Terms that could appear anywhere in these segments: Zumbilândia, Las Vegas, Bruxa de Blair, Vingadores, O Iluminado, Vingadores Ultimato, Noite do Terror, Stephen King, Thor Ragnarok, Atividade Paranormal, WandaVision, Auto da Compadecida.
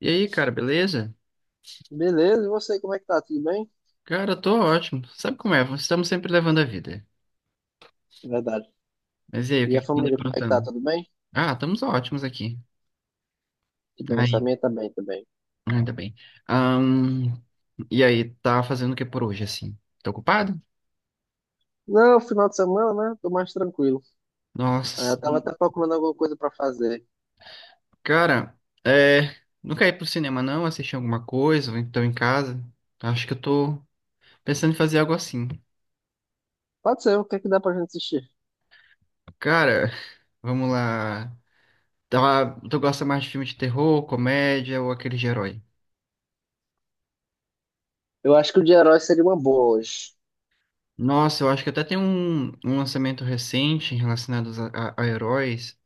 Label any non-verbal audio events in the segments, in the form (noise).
E aí, cara, beleza? Beleza, e você, como é que tá? Tudo bem? Cara, eu tô ótimo. Sabe como é? Estamos sempre levando a vida. Verdade. Mas e aí, o que E é a que tu anda família, como é que tá? aprontando? Tudo bem? Ah, estamos ótimos aqui. Tudo bem, essa Aí, minha também. ainda bem. Ahn, e aí, tá fazendo o que por hoje, assim? Tô ocupado? Não, final de semana, né? Tô mais tranquilo. Eu Nossa, tava sim. até procurando alguma coisa pra fazer. Cara, é... Não quer ir pro cinema, não? Assistir alguma coisa? Ou então em casa? Acho que eu tô pensando em fazer algo assim. Pode ser, o que é que dá pra gente assistir? Cara, vamos lá. Tá, tu gosta mais de filme de terror, comédia ou aquele de herói? Eu acho que o de herói seria uma boa hoje. Nossa, eu acho que até tem um lançamento recente relacionado a heróis,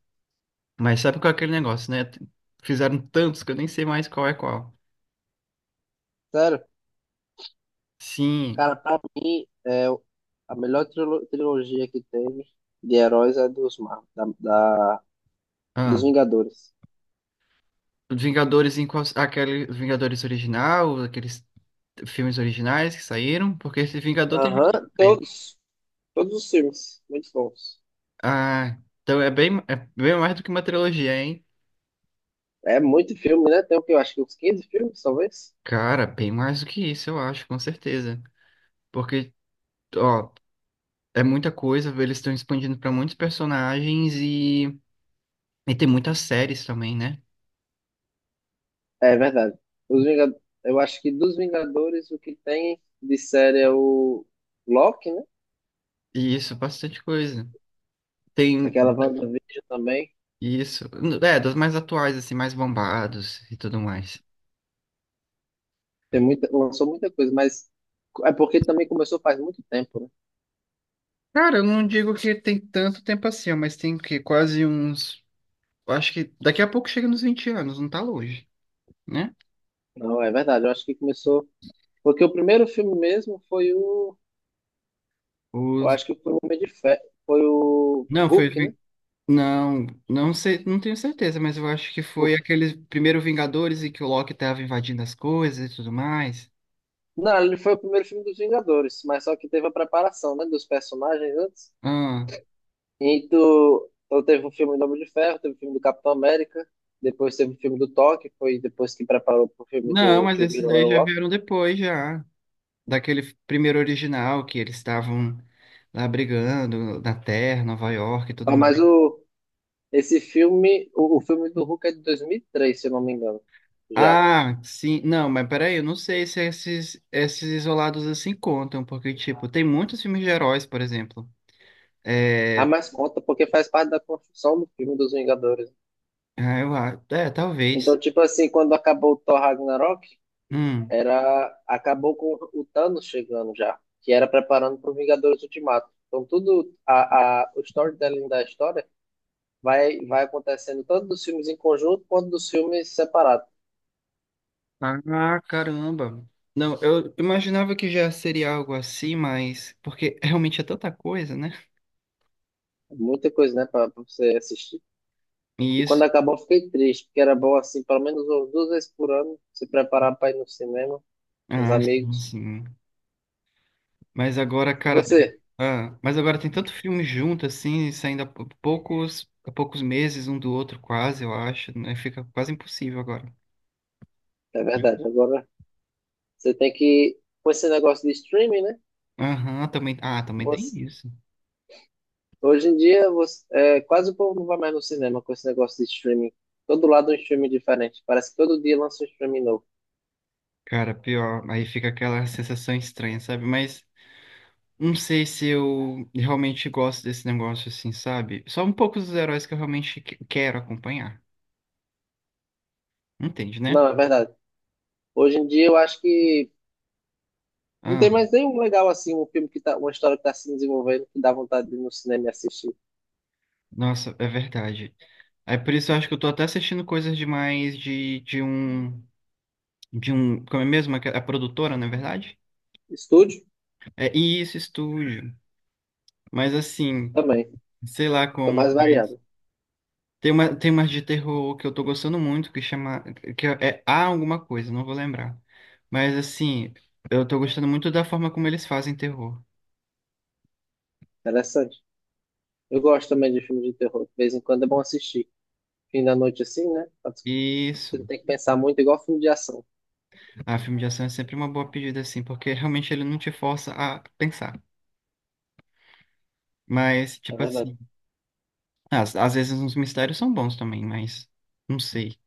mas sabe qual é aquele negócio, né? Fizeram tantos que eu nem sei mais qual é qual. Sério? Sim, Cara, pra mim, é a melhor trilogia que teve de heróis é dos Mar, da, da- dos ah, Vingadores. os Vingadores em qual, aquele Vingadores original, aqueles filmes originais que saíram, porque esse Vingador tem filmes Aham, originais. todos. Todos os filmes. Muito bons. Ah, então é bem mais do que uma trilogia, hein? É muito filme, né? Tem o que eu acho que uns 15 filmes, talvez. Cara, bem mais do que isso, eu acho, com certeza. Porque, ó, é muita coisa, eles estão expandindo para muitos personagens e tem muitas séries também, né? É verdade. Os Vingad... Eu acho que dos Vingadores o que tem de série é o Loki, né? E isso, bastante coisa. Tem Aquela WandaVision também. isso. É, dos mais atuais, assim, mais bombados e tudo mais. Lançou muita coisa, mas é porque também começou faz muito tempo, né? Cara, eu não digo que tem tanto tempo assim, ó, mas tem que quase uns. Acho que daqui a pouco chega nos 20 anos, não tá longe, né? Não, é verdade. Eu acho que começou. Porque o primeiro filme mesmo foi o. Eu Os... acho que foi o Homem de Ferro. Foi o Não, foi. Hulk, né? Não, não sei, não tenho certeza, mas eu acho que foi O- aqueles primeiros Vingadores e que o Loki tava invadindo as coisas e tudo mais. Não, ele foi o primeiro filme dos Vingadores, mas só que teve a preparação, né? Dos personagens antes. Ah, E tu, então teve um filme do Homem de Ferro, teve o filme do Capitão América, depois teve o filme do Thor, que foi depois que preparou pro filme não, do mas que o esses Viram daí era o já Loki. vieram depois, já. Daquele primeiro original que eles estavam lá brigando na Terra, Nova York e tudo Ah, mas mais. o, esse filme, o filme do Hulk é de 2003, se eu não me engano, já. Ah, sim. Não, mas peraí, eu não sei se esses isolados assim contam, porque, tipo, tem muitos filmes de heróis, por exemplo. Ah, É, mas conta porque faz parte da construção do filme dos Vingadores. ah, é, Então, talvez. tipo assim, quando acabou o Thor Ragnarok, Hum. Acabou com o Thanos chegando já, que era preparando pro Vingadores Ultimato. Então, o storytelling da história vai acontecendo tanto dos filmes em conjunto quanto dos filmes separados. Ah, caramba. Não, eu imaginava que já seria algo assim, mas porque (laughs) realmente é tanta coisa, né? É muita coisa, né, para você assistir. E E quando isso. acabou, eu fiquei triste, porque era bom, assim, pelo menos umas duas vezes por ano, se preparar para ir no cinema com os Ah, sim, amigos. sim. Mas agora, E cara, você? ah, mas agora tem tanto filme junto, assim, saindo poucos, há poucos meses um do outro, quase, eu acho, né? Fica quase impossível agora. É verdade, agora você tem que. Com esse negócio de streaming, né? Aham, também. Ah, também tem Você, isso. hoje em dia, quase o povo não vai mais no cinema com esse negócio de streaming. Todo lado é um streaming diferente. Parece que todo dia lança um streaming novo. Cara, pior. Aí fica aquela sensação estranha, sabe? Mas não sei se eu realmente gosto desse negócio, assim, sabe? Só um pouco dos heróis que eu realmente quero acompanhar. Entende, né? Não, é verdade. Hoje em dia, eu acho que não tem Ah, mais nenhum legal assim, um filme que tá, uma história que tá se desenvolvendo, que dá vontade de ir no cinema e assistir. nossa, é verdade. É por isso eu acho que eu tô até assistindo coisas demais de um. De um, como é mesmo, a produtora, na verdade? Estúdio? É isso, estúdio. Mas assim, Também. sei lá Tô como. mais Mas variado. tem tem umas de terror que eu tô gostando muito, que chama, que é Há Alguma Coisa, não vou lembrar. Mas assim, eu tô gostando muito da forma como eles fazem terror. Interessante. Eu gosto também de filme de terror. De vez em quando é bom assistir. Fim da noite assim, né? Você Isso. não tem que pensar muito, igual filme de ação. Ah, filme de ação é sempre uma boa pedida, assim, porque (laughs) realmente ele não te força a pensar. Mas, É tipo verdade. assim, às vezes os mistérios são bons também, mas não sei.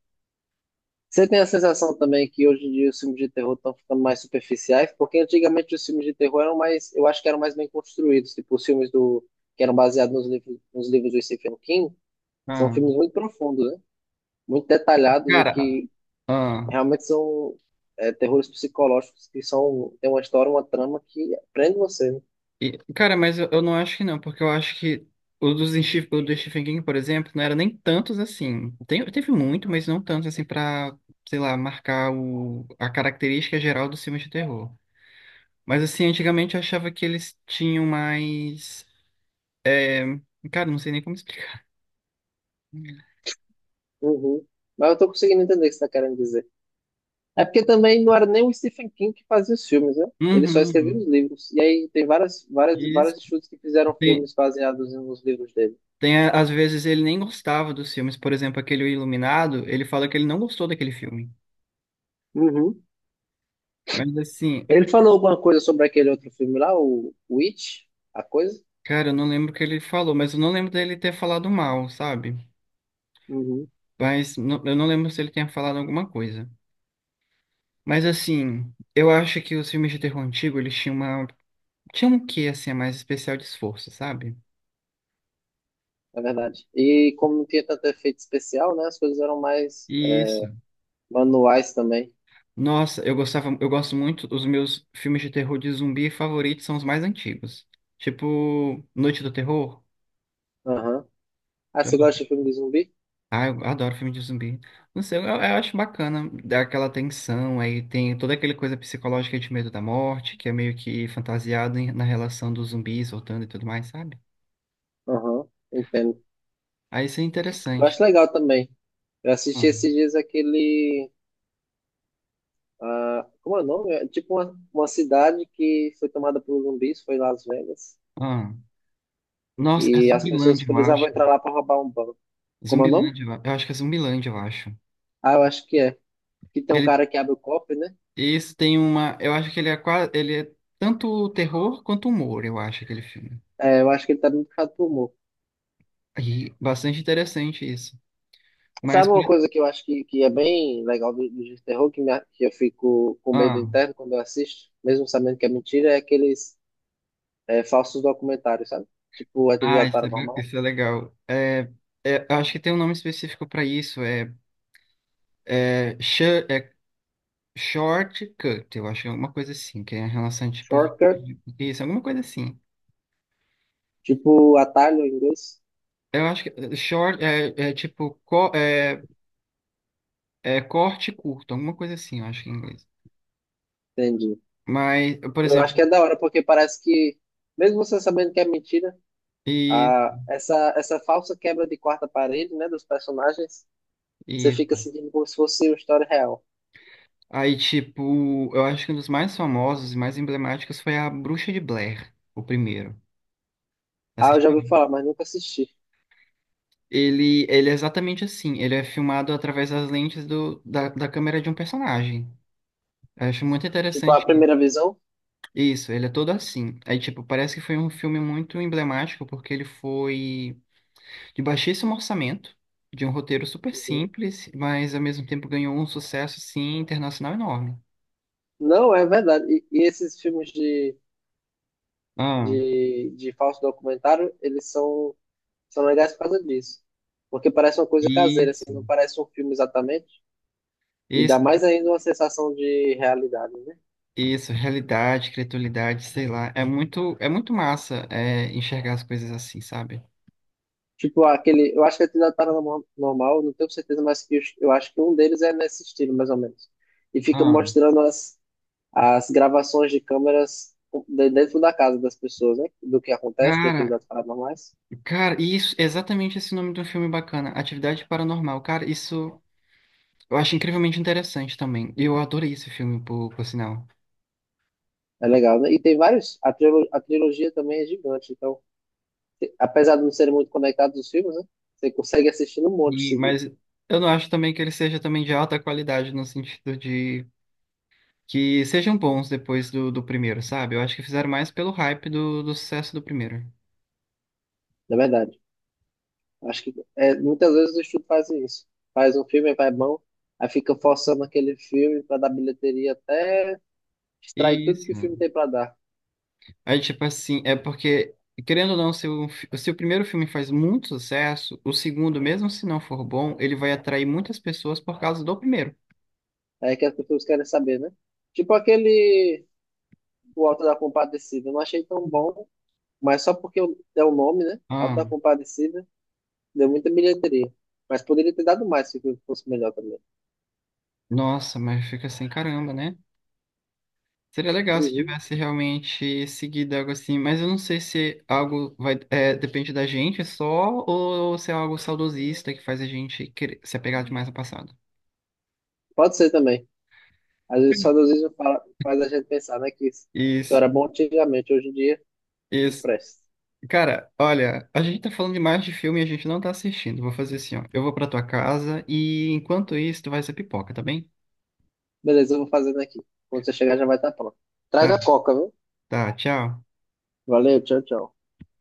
Você tem a sensação também que hoje em dia os filmes de terror estão ficando mais superficiais? Porque antigamente os filmes de terror eram mais, eu acho que eram mais bem construídos. Tipo, que eram baseados nos livros do Stephen King, são Ah, filmes muito profundos, né? Muito detalhados e cara, que ah. realmente são terrores psicológicos que são, tem uma história, uma trama que prende você, né? E, cara, mas eu não acho que não, porque eu acho que o do Stephen King, por exemplo, não era nem tantos assim. Tem, teve muito, mas não tantos assim pra, sei lá, marcar a característica geral dos filmes de terror. Mas assim, antigamente eu achava que eles tinham mais. é, Cara, não sei nem como explicar. (laughs) Uhum. Mas eu tô conseguindo entender o que você tá querendo dizer. É porque também não era nem o Stephen King que fazia os filmes, né? Ele só Uhum. escrevia Uhum. os livros. E aí tem Isso. vários estudos que fizeram Tem, filmes baseados nos livros dele. tem, às vezes ele nem gostava dos filmes, por exemplo, aquele O Iluminado, ele fala que ele não gostou daquele filme. Uhum. Mas assim, Ele falou alguma coisa sobre aquele outro filme lá, o It, a coisa? cara, eu não lembro o que ele falou, mas eu não lembro dele ter falado mal, sabe? Uhum. Mas eu não lembro se ele tinha falado alguma coisa. Mas assim, eu acho que os filmes de terror antigo, eles tinham uma... Tinham um quê, assim, a mais especial de esforço, sabe? É verdade. E como não tinha tanto efeito especial, né? As coisas eram mais Isso. manuais também. Nossa, eu gostava, eu gosto muito, os meus filmes de terror de zumbi favoritos são os mais antigos. Tipo, Noite do Terror. Aham. Ah, você gosta de filme de zumbi? Ah, eu adoro filme de zumbi. Não sei, eu acho bacana dá aquela tensão, aí tem toda aquela coisa psicológica de medo da morte, que é meio que fantasiado na relação dos zumbis voltando e tudo mais, sabe? Aham, entendo. Aí isso é Eu interessante. acho legal também. Eu assisti esses Ah, dias aquele. Ah, como é o nome? É tipo uma cidade que foi tomada por zumbis, foi Las Vegas. ah. Nossa, é E as pessoas Zumbilândia, eu precisavam acho. entrar lá para roubar um banco. Como é o nome? Zumbilândia, eu acho que é Zumbilândia, eu acho. Ah, eu acho que é. Que tem Que um ele, cara que abre o cofre, né? esse tem uma, eu acho que ele é quase, ele é tanto terror quanto humor, eu acho, aquele filme. É, eu acho que ele tá bem puxado pro humor. E bastante interessante isso. Mas, Sabe por- uma coisa que eu acho que é bem legal do de terror, que, que eu fico com medo ah. interno quando eu assisto, mesmo sabendo que é mentira, é aqueles falsos documentários, sabe? Tipo Ah, Atividade Paranormal. isso é legal. É, é, eu acho que tem um nome específico para isso. É, é, sh é Shortcut, eu acho, que é alguma coisa assim, que é em relação tipo isso, alguma coisa assim. Tipo, atalho em inglês? Eu acho que é, é tipo é corte curto, alguma coisa assim, eu acho que é em inglês. Entendi. Mas, por Eu exemplo, acho que é da hora, porque parece que, mesmo você sabendo que é mentira, e, essa falsa quebra de quarta parede, né, dos personagens, você e fica sentindo como se fosse uma história real. aí tipo, eu acho que um dos mais famosos e mais emblemáticos foi a Bruxa de Blair, o primeiro. Ah, eu já Assistiu? ouvi falar, mas nunca assisti. Ele é exatamente assim. Ele é filmado através das lentes da câmera de um personagem. Eu acho muito Tipo, a interessante isso. primeira visão? Isso, ele é todo assim. Aí, tipo, parece que foi um filme muito emblemático, porque ele foi de baixíssimo orçamento, de um roteiro super Uhum. simples, mas ao mesmo tempo ganhou um sucesso, assim, internacional enorme. Não, é verdade. E esses filmes Ah, de falso documentário, eles são, são legais por causa disso. Porque parece uma coisa caseira, assim, isso, não parece um filme exatamente. E dá isso, mais ainda uma sensação de realidade, né? isso, realidade, criatividade, sei lá. É muito massa, é, enxergar as coisas assim, sabe? Tipo, aquele. Eu acho que é Atividade Paranormal, não tenho certeza, mas eu acho que um deles é nesse estilo, mais ou menos. E fica Ah, mostrando as gravações de câmeras dentro da casa das pessoas, né? Do que acontece de cara, atividades paranormais. cara, isso, exatamente esse nome de um filme bacana, Atividade Paranormal. Cara, isso eu acho incrivelmente interessante também. Eu adorei esse filme, por sinal. É legal, né? E tem vários. A trilogia também é gigante, então, apesar de não serem muito conectados os filmes, né? Você consegue assistir um monte E, seguido, mas eu não acho também que ele seja também de alta qualidade, no sentido de que sejam bons depois do primeiro, sabe? Eu acho que fizeram mais pelo hype do sucesso do primeiro. na verdade. Acho que é, muitas vezes o estúdio faz isso. Faz um filme, vai bom, aí fica forçando aquele filme para dar bilheteria até extrai tudo que Isso. o filme tem pra dar. Aí, tipo assim, é porque, querendo ou não, se o primeiro filme faz muito sucesso, o segundo, mesmo se não for bom, ele vai atrair muitas pessoas por causa do primeiro. É que as pessoas querem saber, né? Tipo aquele O Auto da Compadecida. Eu não achei tão bom, mas só porque é o nome, né? Auto Ah. da Compadecida, deu muita bilheteria. Mas poderia ter dado mais se o filme fosse melhor também. Nossa, mas fica assim, caramba, né? Seria legal se Uhum. tivesse realmente seguido algo assim, mas eu não sei se algo vai, é, depende da gente só, ou se é algo saudosista que faz a gente querer se apegar demais ao passado. Pode ser também. Às vezes, só Deus mesmo fala, faz a gente pensar, né? Que isso Isso, era bom antigamente, hoje em dia não isso. presta. Cara, olha, a gente tá falando demais de filme e a gente não tá assistindo. Vou fazer assim, ó. Eu vou pra tua casa e enquanto isso, tu vai ser pipoca, tá bem? Beleza, eu vou fazendo aqui. Quando você chegar já vai estar pronto. Tá, Traz a coca, viu? tá, tchau. Valeu, tchau, tchau.